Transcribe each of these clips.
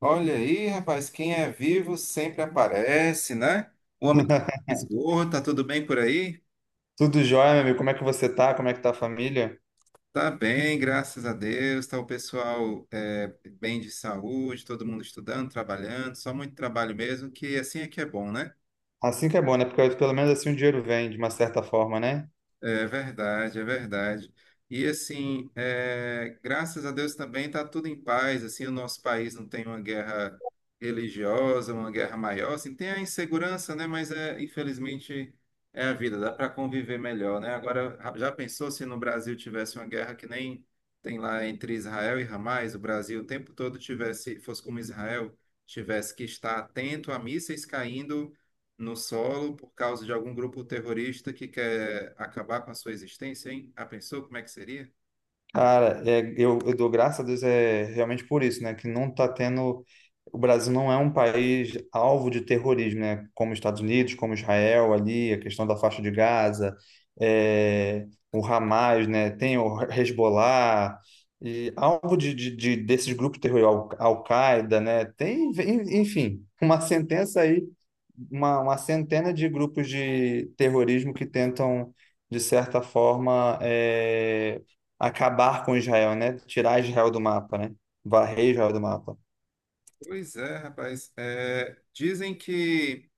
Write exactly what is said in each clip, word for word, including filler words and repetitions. Olha aí, rapaz, quem é vivo sempre aparece, né? O homem tá esgoto, tá tudo bem por aí? Tudo jóia, meu amigo. Como é que você tá? Como é que tá a família? Tá bem, graças a Deus, tá o pessoal é, bem de saúde, todo mundo estudando, trabalhando, só muito trabalho mesmo, que assim é que é bom, né? Assim que é bom, né? Porque pelo menos assim o dinheiro vem, de uma certa forma, né? É verdade, é verdade. E assim, é, graças a Deus também está tudo em paz. Assim, o nosso país não tem uma guerra religiosa, uma guerra maior. Assim, tem a insegurança, né? Mas é, infelizmente é a vida. Dá para conviver melhor, né? Agora, já pensou se no Brasil tivesse uma guerra que nem tem lá entre Israel e Hamas? O Brasil o tempo todo tivesse, fosse como Israel, tivesse que estar atento a mísseis caindo no solo por causa de algum grupo terrorista que quer acabar com a sua existência, hein? Ah, pensou como é que seria? Cara, é, eu, eu dou graças a Deus é realmente por isso, né? Que não tá tendo. O Brasil não é um país alvo de terrorismo, né? Como os Estados Unidos, como Israel ali, a questão da faixa de Gaza, é, o Hamas, né? Tem o Hezbollah, e alvo de, de, de- desses grupos terroristas, Al- Al-Qaeda, né? Tem, enfim, uma sentença aí, uma, uma centena de grupos de terrorismo que tentam, de certa forma, é, acabar com Israel, né? Tirar Israel do mapa, né? Varrer Israel do mapa. Pois é, rapaz. É, dizem que,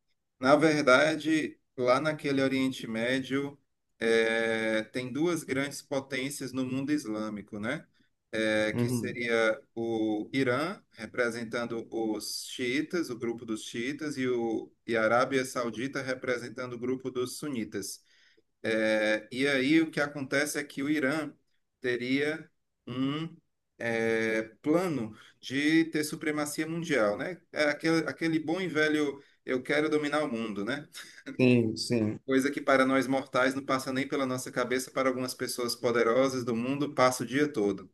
na verdade, lá naquele Oriente Médio, é, tem duas grandes potências no mundo islâmico, né? É, que Uhum. seria o Irã, representando os xiitas, o grupo dos xiitas, e, o, e a Arábia Saudita, representando o grupo dos sunitas. É, e aí o que acontece é que o Irã teria um é, plano de ter supremacia mundial, né? É aquele, aquele bom e velho eu quero dominar o mundo, né? Sim, sim, Coisa que para nós mortais não passa nem pela nossa cabeça, para algumas pessoas poderosas do mundo passa o dia todo.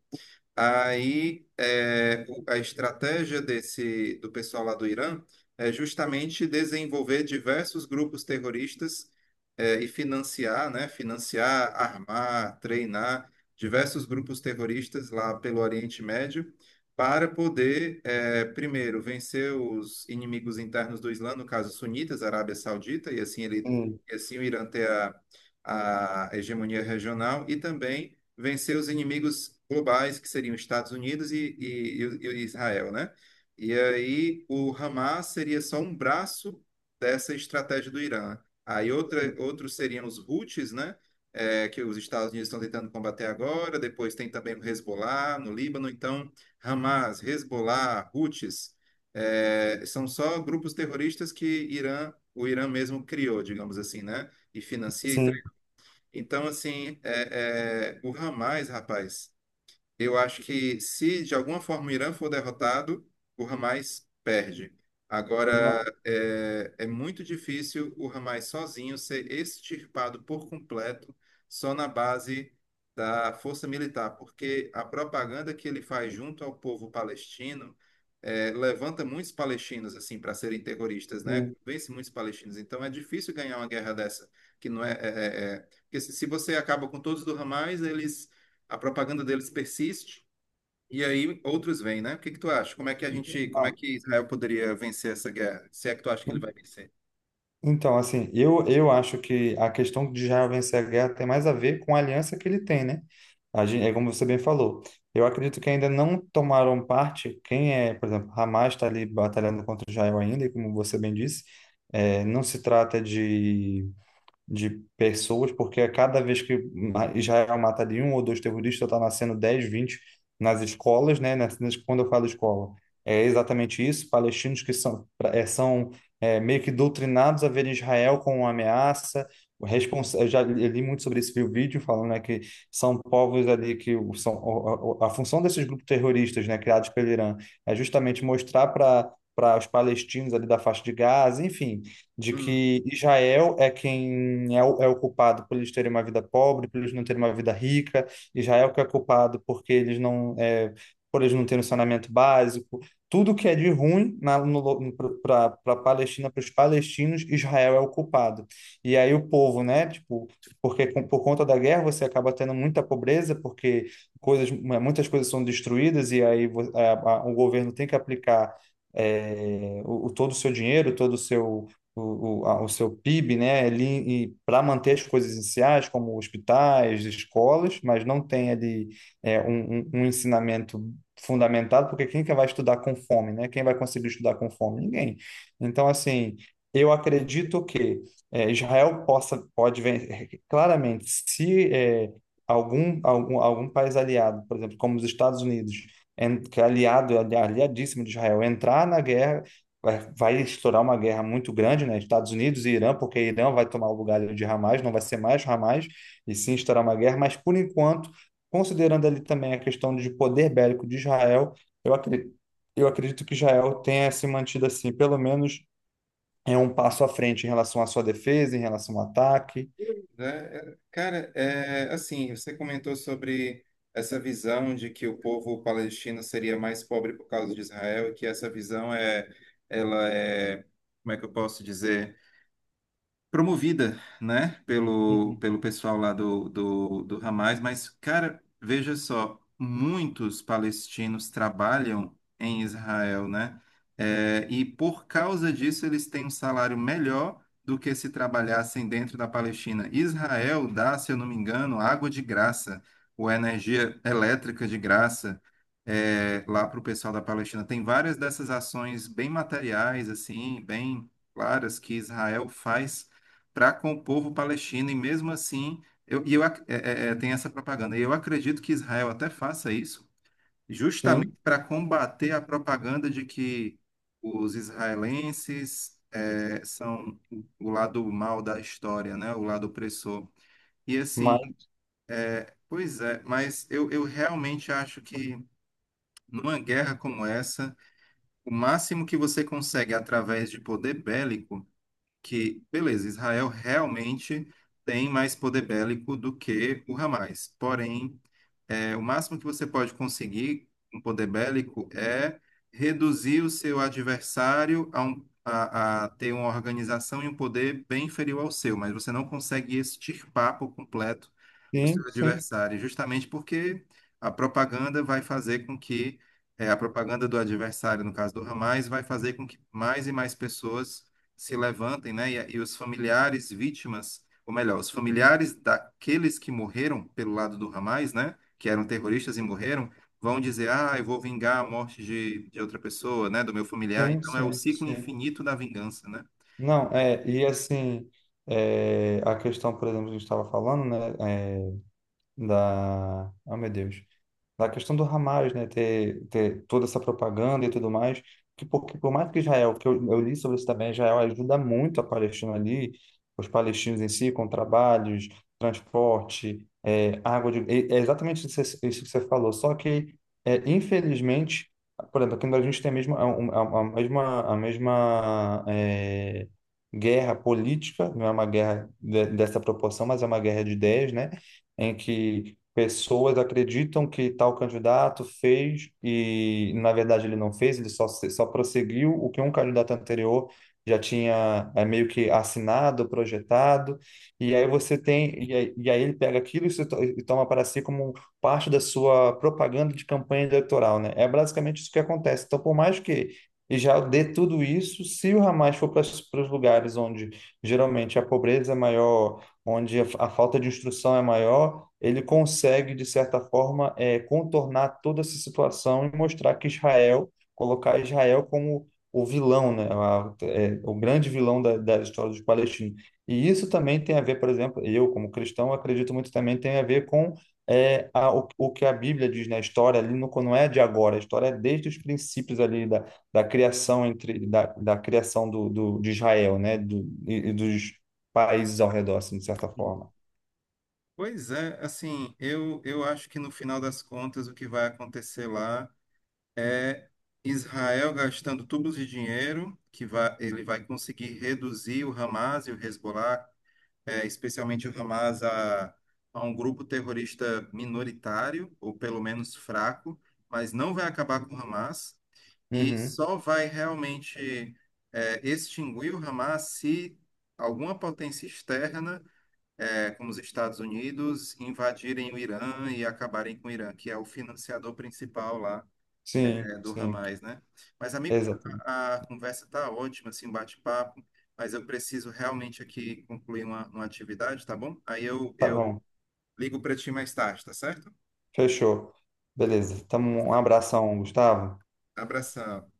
Aí, é, o- a estratégia desse do pessoal lá do Irã é justamente desenvolver diversos grupos terroristas é, e financiar, né? Financiar, armar, treinar diversos grupos terroristas lá pelo Oriente Médio para poder, é, primeiro, vencer os inimigos internos do Islã, no caso sunitas, Arábia Saudita, e assim ele, sim, e assim o Irã ter a, a hegemonia regional e também vencer os inimigos globais, que seriam os Estados Unidos e, e, e Israel, né? E aí o Hamas seria só um braço dessa estratégia do Irã. Aí outra, sim, outros seriam os Houthis, né? É, que os Estados Unidos estão tentando combater agora. Depois tem também o Hezbollah no Líbano. Então, Hamas, Hezbollah, Houthis, é, são só grupos terroristas que Irã, o Irã mesmo criou, digamos assim, né? E financia e sim. então, assim, é, é, o Ramais, rapaz, eu acho que se de alguma forma o Irã for derrotado, o Hamas perde. Agora, Não, é, é muito difícil o Hamas sozinho ser extirpado por completo só na base da força militar, porque a propaganda que ele faz junto ao povo palestino é, levanta muitos palestinos assim para serem terroristas, né? sim. Vence muitos palestinos. Então é difícil ganhar uma guerra dessa, que não é, é, é- é- porque se se você acaba com todos do Hamas, eles a propaganda deles persiste e aí outros vêm, né? O que que tu acha? Como é que a gente, como é Não. que Israel poderia vencer essa guerra? Se é que tu acha que ele vai vencer? Então, assim, eu, eu acho que a questão de Israel vencer a guerra tem mais a ver com a aliança que ele tem, né? A gente, é como você bem falou. Eu acredito que ainda não tomaram parte, quem é, por exemplo, Hamas está ali batalhando contra Israel ainda, e como você bem disse, eh, não se trata de de pessoas, porque a cada vez que ma- Israel mata de um ou dois terroristas, está nascendo dez, vinte nas escolas, né? Nas, nas- quando eu falo escola, é exatamente isso. Palestinos que são, pra- é, são é, meio que doutrinados a ver Israel como uma ameaça. O Respons... Eu já li li muito sobre isso, vi o vídeo falando, né, que são povos ali que o- são o- o- a função desses grupos terroristas, né, criados pelo Irã, é justamente mostrar para para os palestinos ali da faixa de Gaza, enfim, de Hum. que Israel é quem é o, é o culpado por eles terem uma vida pobre, por eles não terem uma vida rica, Israel que é culpado porque eles não, é, por eles não terem um saneamento básico, tudo que é de ruim para a Palestina, para os palestinos, Israel é o culpado. E aí o povo, né, tipo, porque com- por conta da guerra você acaba tendo muita pobreza, porque coisas, muitas coisas são destruídas e aí vo- a- a- o governo tem que aplicar é, o, o- todo o seu dinheiro, todo o seu o, o, a- o seu P I B, né, ali para manter as coisas iniciais, como hospitais, escolas, mas não tem ali é, um, um, um ensinamento fundamentado, porque quem que vai estudar com fome, né? Quem vai conseguir estudar com fome? Ninguém. Então, assim, eu acredito que é, Israel possa, pode ver claramente se é, algum, algum, algum país aliado, por exemplo, como os Estados Unidos, en- que é aliado, ali- aliadíssimo de Israel, entrar na guerra, vai, vai estourar uma guerra muito grande, né? Estados Unidos e Irã, porque Irã vai tomar o lugar de Hamas, não vai ser mais Hamas, e sim estourar uma guerra, mas por enquanto, considerando ali também a questão de poder bélico de Israel, eu acredito, eu acredito que Israel tenha se mantido assim, pelo menos é um passo à frente em relação à sua defesa, em relação ao ataque. É, é, cara, é, assim, você comentou sobre essa visão de que o povo palestino seria mais pobre por causa de Israel, e que essa visão é, ela é, como é que eu posso dizer? Promovida, né, pelo, Uhum. pelo pessoal lá do, do, do Hamas, mas, cara, veja só, muitos palestinos trabalham em Israel, né, é, e por causa disso eles têm um salário melhor do que se trabalhassem dentro da Palestina. Israel dá, se eu não me engano, água de graça, ou energia elétrica de graça. é, lá para o pessoal da Palestina. Tem várias dessas ações bem materiais, assim, bem claras que Israel faz para com o povo palestino, e mesmo assim, eu, e eu, ac- é, é, é, tem essa propaganda. E eu acredito que Israel até faça isso, justamente Sim, para combater a propaganda de que os israelenses é, são o o lado mal da história, né? O lado opressor. E mas assim, pois é, mas eu, eu realmente acho que numa guerra como essa, o máximo que você consegue através de poder bélico. Que, beleza, Israel realmente tem mais poder bélico do que o Hamas. Porém, é, o máximo que você pode conseguir com poder bélico é reduzir o seu adversário a, um- a- a ter uma organização e um poder bem inferior ao seu, mas você não consegue extirpar por completo o sim, seu sim, adversário, justamente porque a propaganda vai fazer com que, é, a propaganda do adversário, no caso do Hamas, vai fazer com que mais e mais pessoas se levantem, né? E, e os familiares vítimas, ou melhor, os familiares daqueles que morreram pelo lado do Hamas, né? Que eram terroristas e morreram, vão dizer, ah, eu vou vingar a morte de, de outra pessoa, né, do meu familiar. sim, Então é o sim, ciclo sim. Sim. infinito da vingança, né? Não, é, e assim, é, a questão, por exemplo, que a gente estava falando, né? Da, oh meu Deus, da questão do Hamas, né, ter, ter toda essa propaganda e tudo mais, que por, que por mais que Israel, que eu, eu li sobre isso também, Israel ajuda muito a Palestina ali, os palestinos em si, com trabalhos, transporte, é, água de, é é exatamente isso, que você- isso que você falou, só que, é, infelizmente, por exemplo, aqui no Brasil a gente tem a mesma, a, a- a mesma, a mesma, é, guerra política, não é uma guerra de- dessa proporção, mas é uma guerra de ideias, né? Em que pessoas acreditam que tal candidato fez e, na verdade, ele não fez, ele só, se- só prosseguiu o que um candidato anterior já tinha é, meio que assinado, projetado, e aí você tem, e aí, e aí ele pega aquilo e, se to- e toma para si como um parte da sua propaganda de campanha eleitoral, né? É basicamente isso que acontece. Então, por mais que já dê tudo isso, se o Hamas for para os lugares onde geralmente a pobreza é maior, onde a, a falta de instrução é maior, ele consegue, de certa forma, eh, contornar toda essa situação e mostrar que Israel, colocar Israel como o vilão, né? A, eh, o grande vilão da, da história dos palestinos. E isso também tem a ver, por exemplo, eu, como cristão, acredito muito também tem a ver com eh, a, o, o que a Bíblia diz na história ali, no, não é de agora, a história é desde os princípios ali da, da criação entre da, da criação do, do, de Israel, né? Do, e, e dos países ao redor, assim, de certa forma. Pois é, assim, eu, eu acho que no final das contas o que vai acontecer lá é Israel gastando tubos de dinheiro, que vai, ele vai conseguir reduzir o Hamas e o Hezbollah, é, especialmente o Hamas, a, a um grupo terrorista minoritário, ou pelo menos fraco, mas não vai acabar com o Hamas. E Uhum. só vai realmente é, extinguir o Hamas se alguma potência externa, é, como os Estados Unidos, invadirem o Irã e acabarem com o Irã, que é o financiador principal lá é, Sim, é, do sim. Hamas, né? Mas, amigo, Exatamente. a, a conversa tá ótima, assim, um bate-papo, mas eu preciso realmente aqui concluir uma, uma atividade, tá bom? Aí eu, Tá eu bom. ligo para ti mais tarde, tá certo? Fechou. Beleza. Então, um abração, Gustavo. Abração.